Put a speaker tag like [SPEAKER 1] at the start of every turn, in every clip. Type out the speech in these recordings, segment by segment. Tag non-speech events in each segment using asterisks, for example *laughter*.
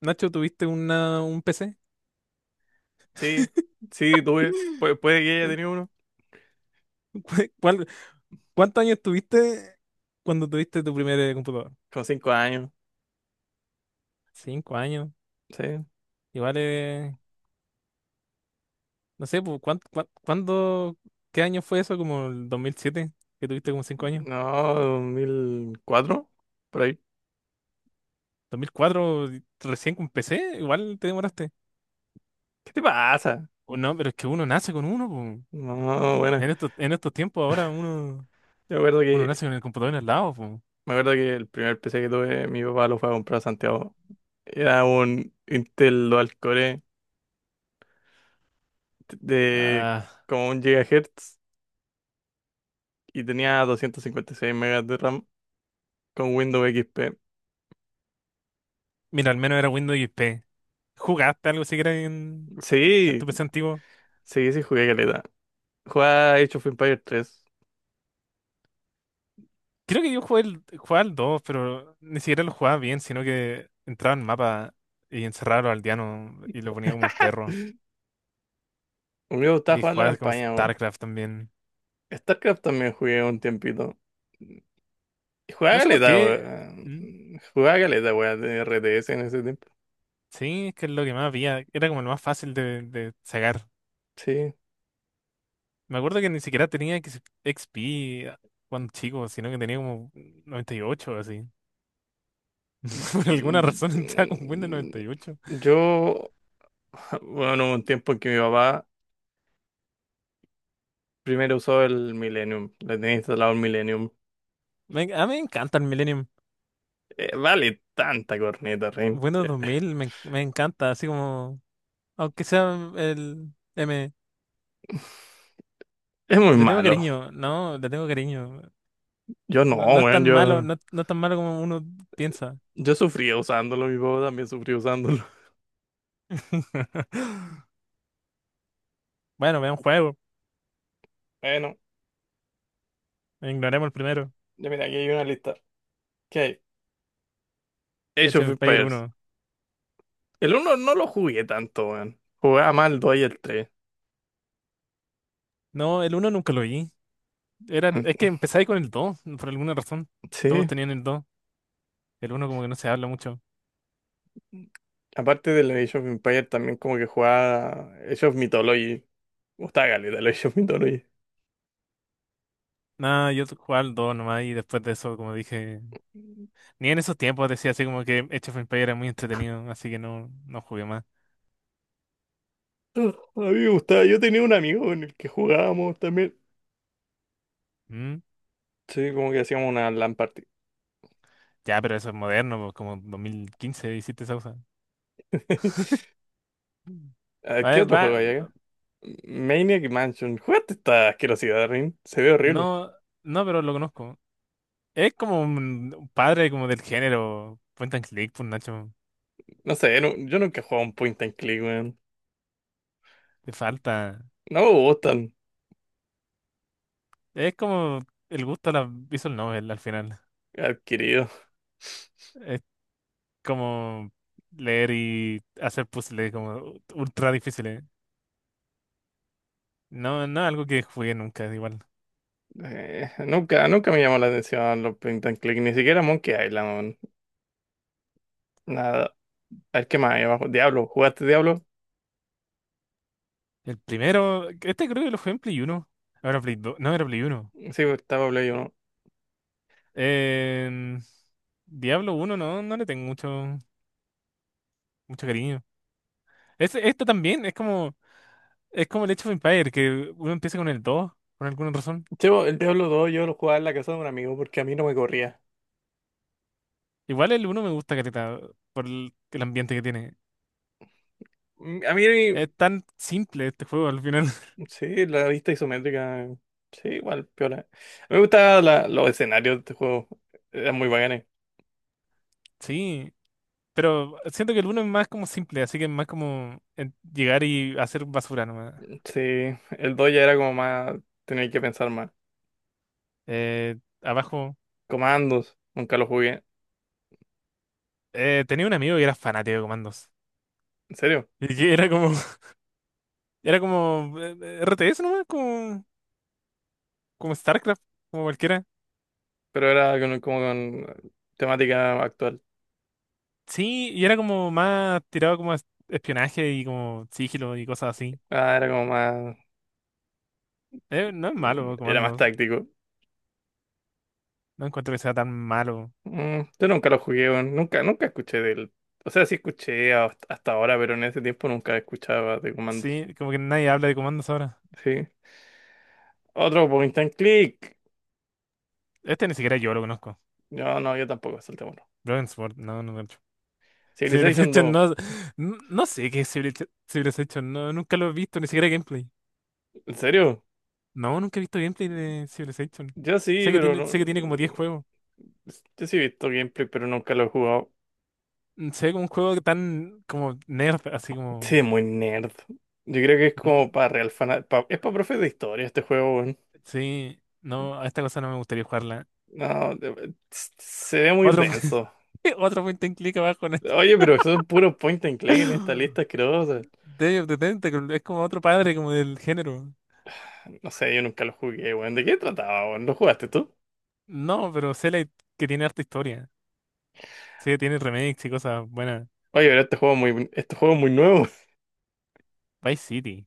[SPEAKER 1] Nacho, ¿tuviste un PC?
[SPEAKER 2] Sí, sí, tuve. Puede que haya
[SPEAKER 1] ¿Cu-
[SPEAKER 2] tenido uno.
[SPEAKER 1] *laughs* cuál- ¿Cuántos años tuviste cuando tuviste tu primer computador?
[SPEAKER 2] Con 5 años.
[SPEAKER 1] Cinco años.
[SPEAKER 2] Sí.
[SPEAKER 1] Igual, no sé, pues, ¿ cuándo, qué año fue eso? ¿Como el dos mil siete? ¿Que tuviste como cinco años?
[SPEAKER 2] No, 2004, por ahí.
[SPEAKER 1] Dos mil cuatro recién con PC. Igual te demoraste.
[SPEAKER 2] ¿Qué te pasa?
[SPEAKER 1] O no, pero es que uno nace con uno, pues.
[SPEAKER 2] No, bueno.
[SPEAKER 1] En estos tiempos ahora uno,
[SPEAKER 2] Yo
[SPEAKER 1] uno nace con el computador en el lado, pues.
[SPEAKER 2] me acuerdo que el primer PC que tuve, mi papá lo fue a comprar a Santiago. Era un Intel Dual Core de
[SPEAKER 1] Ah,
[SPEAKER 2] como 1 GHz y tenía 256 megas de RAM con Windows XP.
[SPEAKER 1] mira, al menos era Windows XP. ¿Jugaste algo siquiera en
[SPEAKER 2] Sí,
[SPEAKER 1] tu PC antiguo?
[SPEAKER 2] sí, sí jugué caleta. Jugaba Age of Empires 3.
[SPEAKER 1] Creo que yo jugué, el, jugaba al 2, pero ni siquiera lo jugaba bien, sino que entraba en mapa y encerraba a los aldeanos y lo ponía como perro.
[SPEAKER 2] A mí me gustaba
[SPEAKER 1] Y
[SPEAKER 2] jugar la
[SPEAKER 1] jugaba como
[SPEAKER 2] campaña.
[SPEAKER 1] StarCraft también.
[SPEAKER 2] StarCraft también jugué un tiempito. Jugaba
[SPEAKER 1] No sé por
[SPEAKER 2] galeta,
[SPEAKER 1] qué.
[SPEAKER 2] weón.
[SPEAKER 1] mm,
[SPEAKER 2] Jugaba galeta, weón, de RTS en ese tiempo.
[SPEAKER 1] Sí, es que es lo que más había. Era como lo más fácil de sacar.
[SPEAKER 2] Sí.
[SPEAKER 1] Me acuerdo que ni siquiera tenía XP cuando chico, sino que tenía como 98 o así. *laughs* Por alguna razón *laughs* estaba con Windows
[SPEAKER 2] Y-
[SPEAKER 1] 98.
[SPEAKER 2] Yo, *laughs* bueno, hubo un tiempo en que mi papá primero usó el Millennium. Le tenía instalado el Millennium.
[SPEAKER 1] A mí me encanta el Millennium.
[SPEAKER 2] Vale tanta corneta, Ren.
[SPEAKER 1] Windows 2000 me, me encanta, así como. Aunque sea el M,
[SPEAKER 2] Es muy
[SPEAKER 1] le tengo
[SPEAKER 2] malo.
[SPEAKER 1] cariño, no, le tengo cariño.
[SPEAKER 2] Yo no,
[SPEAKER 1] No, no es
[SPEAKER 2] weón,
[SPEAKER 1] tan malo,
[SPEAKER 2] yo,
[SPEAKER 1] no, no es tan malo como uno piensa.
[SPEAKER 2] yo sufría usándolo. Mi papá también sufrió usándolo. *laughs*
[SPEAKER 1] *laughs* Bueno, vean un juego.
[SPEAKER 2] Bueno,
[SPEAKER 1] Ignoremos el primero.
[SPEAKER 2] ya mira, aquí hay una lista. ¿Qué hay? Age
[SPEAKER 1] Age
[SPEAKER 2] of
[SPEAKER 1] of Empires
[SPEAKER 2] Empires.
[SPEAKER 1] uno.
[SPEAKER 2] El uno no lo jugué tanto, weón. Jugaba más el 2 y el 3.
[SPEAKER 1] No, el uno nunca lo vi. Es que empecé ahí con el dos, por alguna razón. Todos
[SPEAKER 2] Sí.
[SPEAKER 1] tenían el 2. El uno como que no se habla mucho.
[SPEAKER 2] Aparte del Age of Empires, también como que jugaba Age of Mythology. Me gustaba caleta el Age of Mythology.
[SPEAKER 1] Nada, yo jugaba al 2 nomás y después de eso, como dije,
[SPEAKER 2] *laughs*
[SPEAKER 1] ni en esos tiempos decía así como que Age of Empires era muy entretenido, así que no, no jugué más.
[SPEAKER 2] Ah, a mí me gustaba. Yo tenía un amigo con el que jugábamos también.
[SPEAKER 1] ¿Mm?
[SPEAKER 2] Sí, como que hacíamos una LAN party.
[SPEAKER 1] Ya, pero eso es moderno, pues, como 2015 hiciste esa cosa.
[SPEAKER 2] *laughs*
[SPEAKER 1] Mm.
[SPEAKER 2] A ver,
[SPEAKER 1] A
[SPEAKER 2] ¿qué
[SPEAKER 1] ver,
[SPEAKER 2] otro juego
[SPEAKER 1] va.
[SPEAKER 2] hay acá? Maniac Mansion. ¿Jugaste esta asquerosidad, Rin? Se ve horrible.
[SPEAKER 1] No, no, pero lo conozco. Es como un padre como del género. Point and click, pues, Nacho.
[SPEAKER 2] No sé, yo nunca he jugado un point and click, weón.
[SPEAKER 1] Te falta.
[SPEAKER 2] No me gustan.
[SPEAKER 1] Es como el gusto a la visual novel al final.
[SPEAKER 2] Adquirido.
[SPEAKER 1] Es como leer y hacer puzzles como ultra difíciles. No, no es algo que jugué nunca, es igual.
[SPEAKER 2] Nunca, nunca me llamó la atención los Point and Click, ni siquiera Monkey Island, weón. Nada. A ver qué más hay abajo. Diablo, ¿jugaste Diablo?
[SPEAKER 1] El primero, este creo que lo jugué en Play Uno. Ahora Play Dos. No, era Play Uno.
[SPEAKER 2] Sí, pues, estaba Play 1.
[SPEAKER 1] Eh, Diablo uno no, no le tengo mucho cariño. Esto también es como el Age of Empires, que uno empieza con el 2 por alguna razón.
[SPEAKER 2] Chevo, el Diablo 2 yo lo jugaba en la casa de un amigo porque a mí no me corría.
[SPEAKER 1] Igual el uno me gusta, careta, por el ambiente que tiene.
[SPEAKER 2] Mm, a mí,
[SPEAKER 1] Es tan simple este juego al final. *laughs*
[SPEAKER 2] sí, la vista isométrica, sí, igual, piola. A mí me gustaban los escenarios de este juego, eran muy bacanes.
[SPEAKER 1] Sí, pero siento que el uno es más como simple, así que es más como llegar y hacer basura nomás.
[SPEAKER 2] Sí, el 2 ya era como más, tenía que pensar más.
[SPEAKER 1] Eh, abajo,
[SPEAKER 2] Comandos, nunca lo jugué,
[SPEAKER 1] Tenía un amigo que era fanático de comandos.
[SPEAKER 2] en serio,
[SPEAKER 1] Y que era como, *laughs* era como RTS nomás, como... como StarCraft, como cualquiera.
[SPEAKER 2] pero era como con temática actual.
[SPEAKER 1] Sí, y era como más tirado como a espionaje y como sigilo y cosas así.
[SPEAKER 2] Ah, era como más.
[SPEAKER 1] No es
[SPEAKER 2] Mm,
[SPEAKER 1] malo
[SPEAKER 2] era más
[SPEAKER 1] Comandos,
[SPEAKER 2] táctico.
[SPEAKER 1] no encuentro que sea tan malo.
[SPEAKER 2] Mm, yo nunca lo jugué, weón. Nunca, nunca escuché del. O sea, sí escuché hasta ahora, pero en ese tiempo nunca escuchaba de comandos.
[SPEAKER 1] Sí, como que nadie habla de Comandos ahora.
[SPEAKER 2] Sí. Otro point and click.
[SPEAKER 1] Este ni siquiera yo lo conozco.
[SPEAKER 2] No, no, yo tampoco, saltémoslo.
[SPEAKER 1] Brokensport, no, no lo he *laughs* hecho.
[SPEAKER 2] Civilization
[SPEAKER 1] Civilization
[SPEAKER 2] dos.
[SPEAKER 1] no, no, no sé qué es Civilization, no, nunca lo he visto, ni siquiera gameplay.
[SPEAKER 2] ¿En serio?
[SPEAKER 1] No, nunca he visto gameplay de Civilization.
[SPEAKER 2] Yo sí, pero no.
[SPEAKER 1] Sé que tiene como 10
[SPEAKER 2] Mm,
[SPEAKER 1] juegos.
[SPEAKER 2] yo sí he visto gameplay, pero nunca lo he jugado.
[SPEAKER 1] Se ve como un juego tan como nerd, así como...
[SPEAKER 2] Sí, muy nerd. Yo creo que es como
[SPEAKER 1] mm,
[SPEAKER 2] para real fan. Es para profes de historia este juego, weón.
[SPEAKER 1] Sí, no, a esta cosa no me gustaría jugarla.
[SPEAKER 2] No, se ve muy
[SPEAKER 1] Otro,
[SPEAKER 2] denso.
[SPEAKER 1] *laughs* otro point and click abajo en este.
[SPEAKER 2] Oye, pero son puros point and click en esta lista asquerosa.
[SPEAKER 1] Day of the Tentacle, es como otro padre como del género.
[SPEAKER 2] No sé, yo nunca lo jugué, weón. ¿De qué trataba, weón? ¿Lo jugaste tú?
[SPEAKER 1] No, pero Cellite que tiene harta historia. Sí, que tiene remakes y cosas buenas.
[SPEAKER 2] Oye, pero este juego es muy nuevo. *laughs*
[SPEAKER 1] Vice City.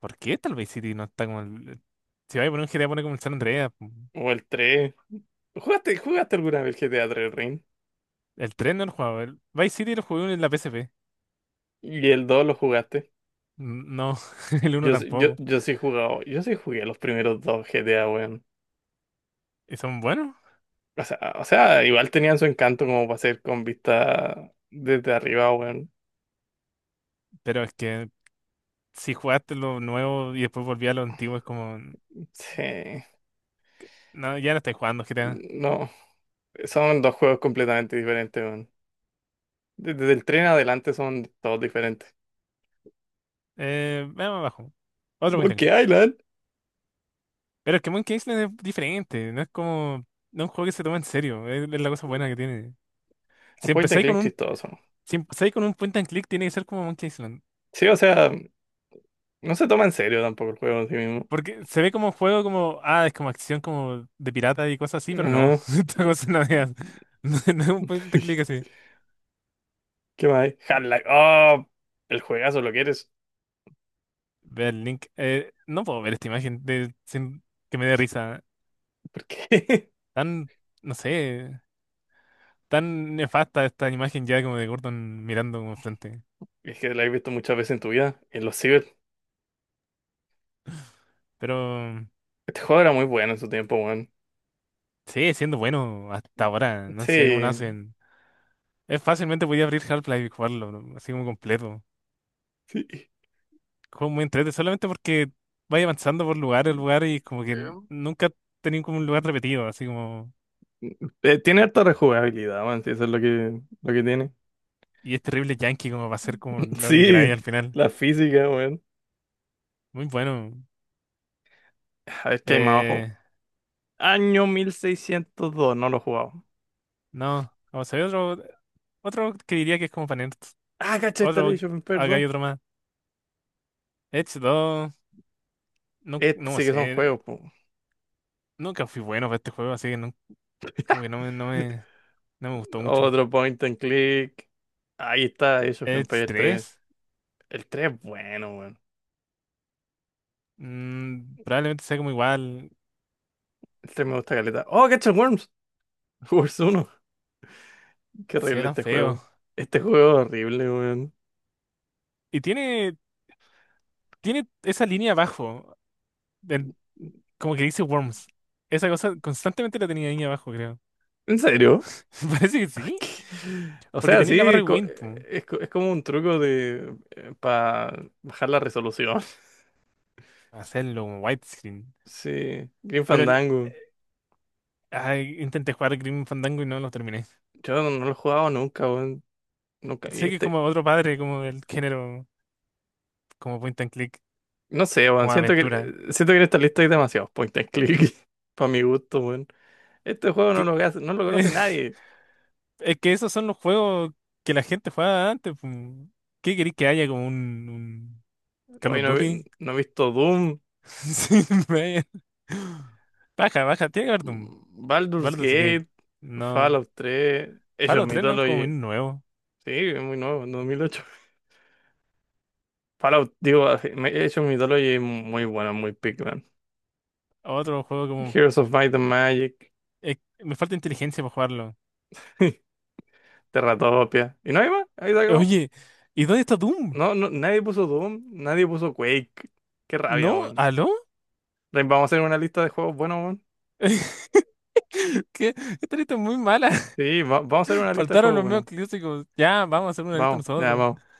[SPEAKER 1] ¿Por qué tal Vice City no está como el... Si vais a poner un GTA, pone como el San Andreas.
[SPEAKER 2] O el 3. ¿Jugaste alguna vez GTA 3 Ring?
[SPEAKER 1] El 3 no lo jugaba. El Vice City lo jugué en la PSP.
[SPEAKER 2] ¿Y el 2 lo jugaste?
[SPEAKER 1] No, *laughs* el uno
[SPEAKER 2] Yo, yo,
[SPEAKER 1] tampoco.
[SPEAKER 2] yo sí he jugado, yo sí jugué los primeros dos GTA, weón.
[SPEAKER 1] Y son buenos,
[SPEAKER 2] O sea, igual tenían su encanto como para ser con vista desde arriba, weón.
[SPEAKER 1] pero es que si jugaste lo nuevo y después volví a lo antiguo, es como...
[SPEAKER 2] Sí.
[SPEAKER 1] No, ya no estáis jugando GTA.
[SPEAKER 2] No, son dos juegos completamente diferentes, weón. Desde el tren adelante son todos diferentes.
[SPEAKER 1] Veamos abajo. Otro point and
[SPEAKER 2] Monkey
[SPEAKER 1] click.
[SPEAKER 2] Island.
[SPEAKER 1] Pero es que Monkey Island es diferente. No es como. No es un juego que se toma en serio. Es la cosa buena que tiene.
[SPEAKER 2] Un
[SPEAKER 1] Si
[SPEAKER 2] point and
[SPEAKER 1] empezáis con
[SPEAKER 2] click
[SPEAKER 1] un.
[SPEAKER 2] chistoso.
[SPEAKER 1] Si empezáis con un point and click, tiene que ser como Monkey Island.
[SPEAKER 2] Sí, o sea, no se toma en serio tampoco el juego en sí mismo.
[SPEAKER 1] Porque se ve como juego como. Ah, es como acción como de pirata y cosas así, pero no.
[SPEAKER 2] Ajá.
[SPEAKER 1] *laughs* Esta cosa no es. No, es no es un point and click
[SPEAKER 2] *laughs*
[SPEAKER 1] así.
[SPEAKER 2] ¿Qué más hay? Half-Life. Oh, el juegazo lo quieres.
[SPEAKER 1] Ve el link. No puedo ver esta imagen de, sin que me dé risa.
[SPEAKER 2] ¿Por qué? *laughs*
[SPEAKER 1] Tan. No sé. Tan nefasta esta imagen ya como de Gordon mirando como enfrente.
[SPEAKER 2] Es que lo has visto muchas veces en tu vida. En los ciber.
[SPEAKER 1] Pero.
[SPEAKER 2] Este juego era muy bueno en su tiempo, weón.
[SPEAKER 1] Sigue siendo bueno hasta ahora. No sé cómo lo
[SPEAKER 2] Sí,
[SPEAKER 1] hacen. Es fácilmente podía abrir Half-Life y jugarlo, ¿no? Así como completo.
[SPEAKER 2] sí.
[SPEAKER 1] Juego muy entrete solamente porque vaya avanzando por lugar en lugar y como que
[SPEAKER 2] Em,
[SPEAKER 1] nunca tenía como un lugar repetido, así como.
[SPEAKER 2] Tiene harta rejugabilidad, weón. Sí, eso es lo que tiene.
[SPEAKER 1] Y es terrible Yankee como va a ser como
[SPEAKER 2] *laughs*
[SPEAKER 1] lo que
[SPEAKER 2] Sí,
[SPEAKER 1] queráis al final.
[SPEAKER 2] la física, weón.
[SPEAKER 1] Muy bueno.
[SPEAKER 2] A ver qué hay más abajo.
[SPEAKER 1] Eh,
[SPEAKER 2] Año 1602, no lo he jugado.
[SPEAKER 1] no, vamos a ver otro, otro que diría que es como para nerds.
[SPEAKER 2] Ah, cacha,
[SPEAKER 1] Otro,
[SPEAKER 2] Installation,
[SPEAKER 1] acá hay
[SPEAKER 2] perdón.
[SPEAKER 1] otro más. Edge 2, no,
[SPEAKER 2] Estos
[SPEAKER 1] no
[SPEAKER 2] sí que son
[SPEAKER 1] sé.
[SPEAKER 2] juegos, po.
[SPEAKER 1] Nunca fui bueno para este juego, así que no, como que no me, no me, no me gustó mucho.
[SPEAKER 2] Otro point and click. Ahí está, Age of
[SPEAKER 1] Edge
[SPEAKER 2] Empires 3.
[SPEAKER 1] 3,
[SPEAKER 2] El 3 es bueno, weón.
[SPEAKER 1] probablemente sea como igual,
[SPEAKER 2] El 3 me gusta caleta. ¡Oh, cacha el Worms! *laughs* Worms uno, qué
[SPEAKER 1] sea
[SPEAKER 2] horrible
[SPEAKER 1] tan
[SPEAKER 2] este
[SPEAKER 1] feo.
[SPEAKER 2] juego. Este juego es horrible, weón.
[SPEAKER 1] Y tiene, tiene esa línea abajo, del- como que dice Worms. Esa cosa constantemente la tenía ahí abajo, creo.
[SPEAKER 2] ¿En serio?
[SPEAKER 1] *laughs* Parece que
[SPEAKER 2] *laughs*
[SPEAKER 1] sí,
[SPEAKER 2] ¿Qué? O
[SPEAKER 1] porque
[SPEAKER 2] sea,
[SPEAKER 1] tenía la barra de
[SPEAKER 2] sí,
[SPEAKER 1] Wind, po.
[SPEAKER 2] es, es como un truco de para bajar la resolución. *laughs*
[SPEAKER 1] Hacerlo como widescreen.
[SPEAKER 2] Sí, Green
[SPEAKER 1] Pero el-
[SPEAKER 2] Fandango.
[SPEAKER 1] Ay, intenté jugar Grim Fandango y no lo terminé.
[SPEAKER 2] Yo no, no lo he jugado nunca, weón. Nunca. Y
[SPEAKER 1] Sé que es
[SPEAKER 2] este,
[SPEAKER 1] como otro padre, como del género, como point and click,
[SPEAKER 2] no sé, weón.
[SPEAKER 1] como aventura.
[SPEAKER 2] Siento que en esta lista hay demasiados point and click. *laughs* Para mi gusto, weón. Este juego no
[SPEAKER 1] Que.
[SPEAKER 2] lo, no lo conoce
[SPEAKER 1] *laughs*
[SPEAKER 2] nadie.
[SPEAKER 1] Es que esos son los juegos que la gente jugaba antes, pues. ¿Qué queréis que haya como un Call
[SPEAKER 2] Hoy
[SPEAKER 1] of
[SPEAKER 2] no,
[SPEAKER 1] Duty? *laughs*
[SPEAKER 2] no he visto Doom,
[SPEAKER 1] Sí, vaya. Baja, baja, tiene que haber un
[SPEAKER 2] Baldur's
[SPEAKER 1] Baldur's Gate.
[SPEAKER 2] Gate,
[SPEAKER 1] No.
[SPEAKER 2] Fallout 3, Age of
[SPEAKER 1] Fallout 3 no es como
[SPEAKER 2] Mythology.
[SPEAKER 1] un nuevo.
[SPEAKER 2] Sí, es muy nuevo, en 2008. Fallout, digo, Age of Mythology es muy bueno, muy pick, man.
[SPEAKER 1] Otro juego como.
[SPEAKER 2] Heroes of Might and Magic,
[SPEAKER 1] eh, Me falta inteligencia para jugarlo.
[SPEAKER 2] *laughs* Terratopia. ¿Y no hay más? Ahí se acabó.
[SPEAKER 1] Oye, ¿y dónde está Doom?
[SPEAKER 2] No, no, nadie puso Doom, nadie puso Quake. Qué rabia,
[SPEAKER 1] ¿No?
[SPEAKER 2] weón.
[SPEAKER 1] ¿Aló?
[SPEAKER 2] Vamos a hacer una lista de juegos buenos,
[SPEAKER 1] *laughs* ¿Qué? Esta lista es muy mala.
[SPEAKER 2] sí, vamos a hacer
[SPEAKER 1] *laughs*
[SPEAKER 2] una lista de
[SPEAKER 1] Faltaron
[SPEAKER 2] juegos,
[SPEAKER 1] los medios
[SPEAKER 2] bueno.
[SPEAKER 1] clásicos. Ya, vamos a hacer una lista
[SPEAKER 2] Vamos, ya,
[SPEAKER 1] nosotros.
[SPEAKER 2] vamos.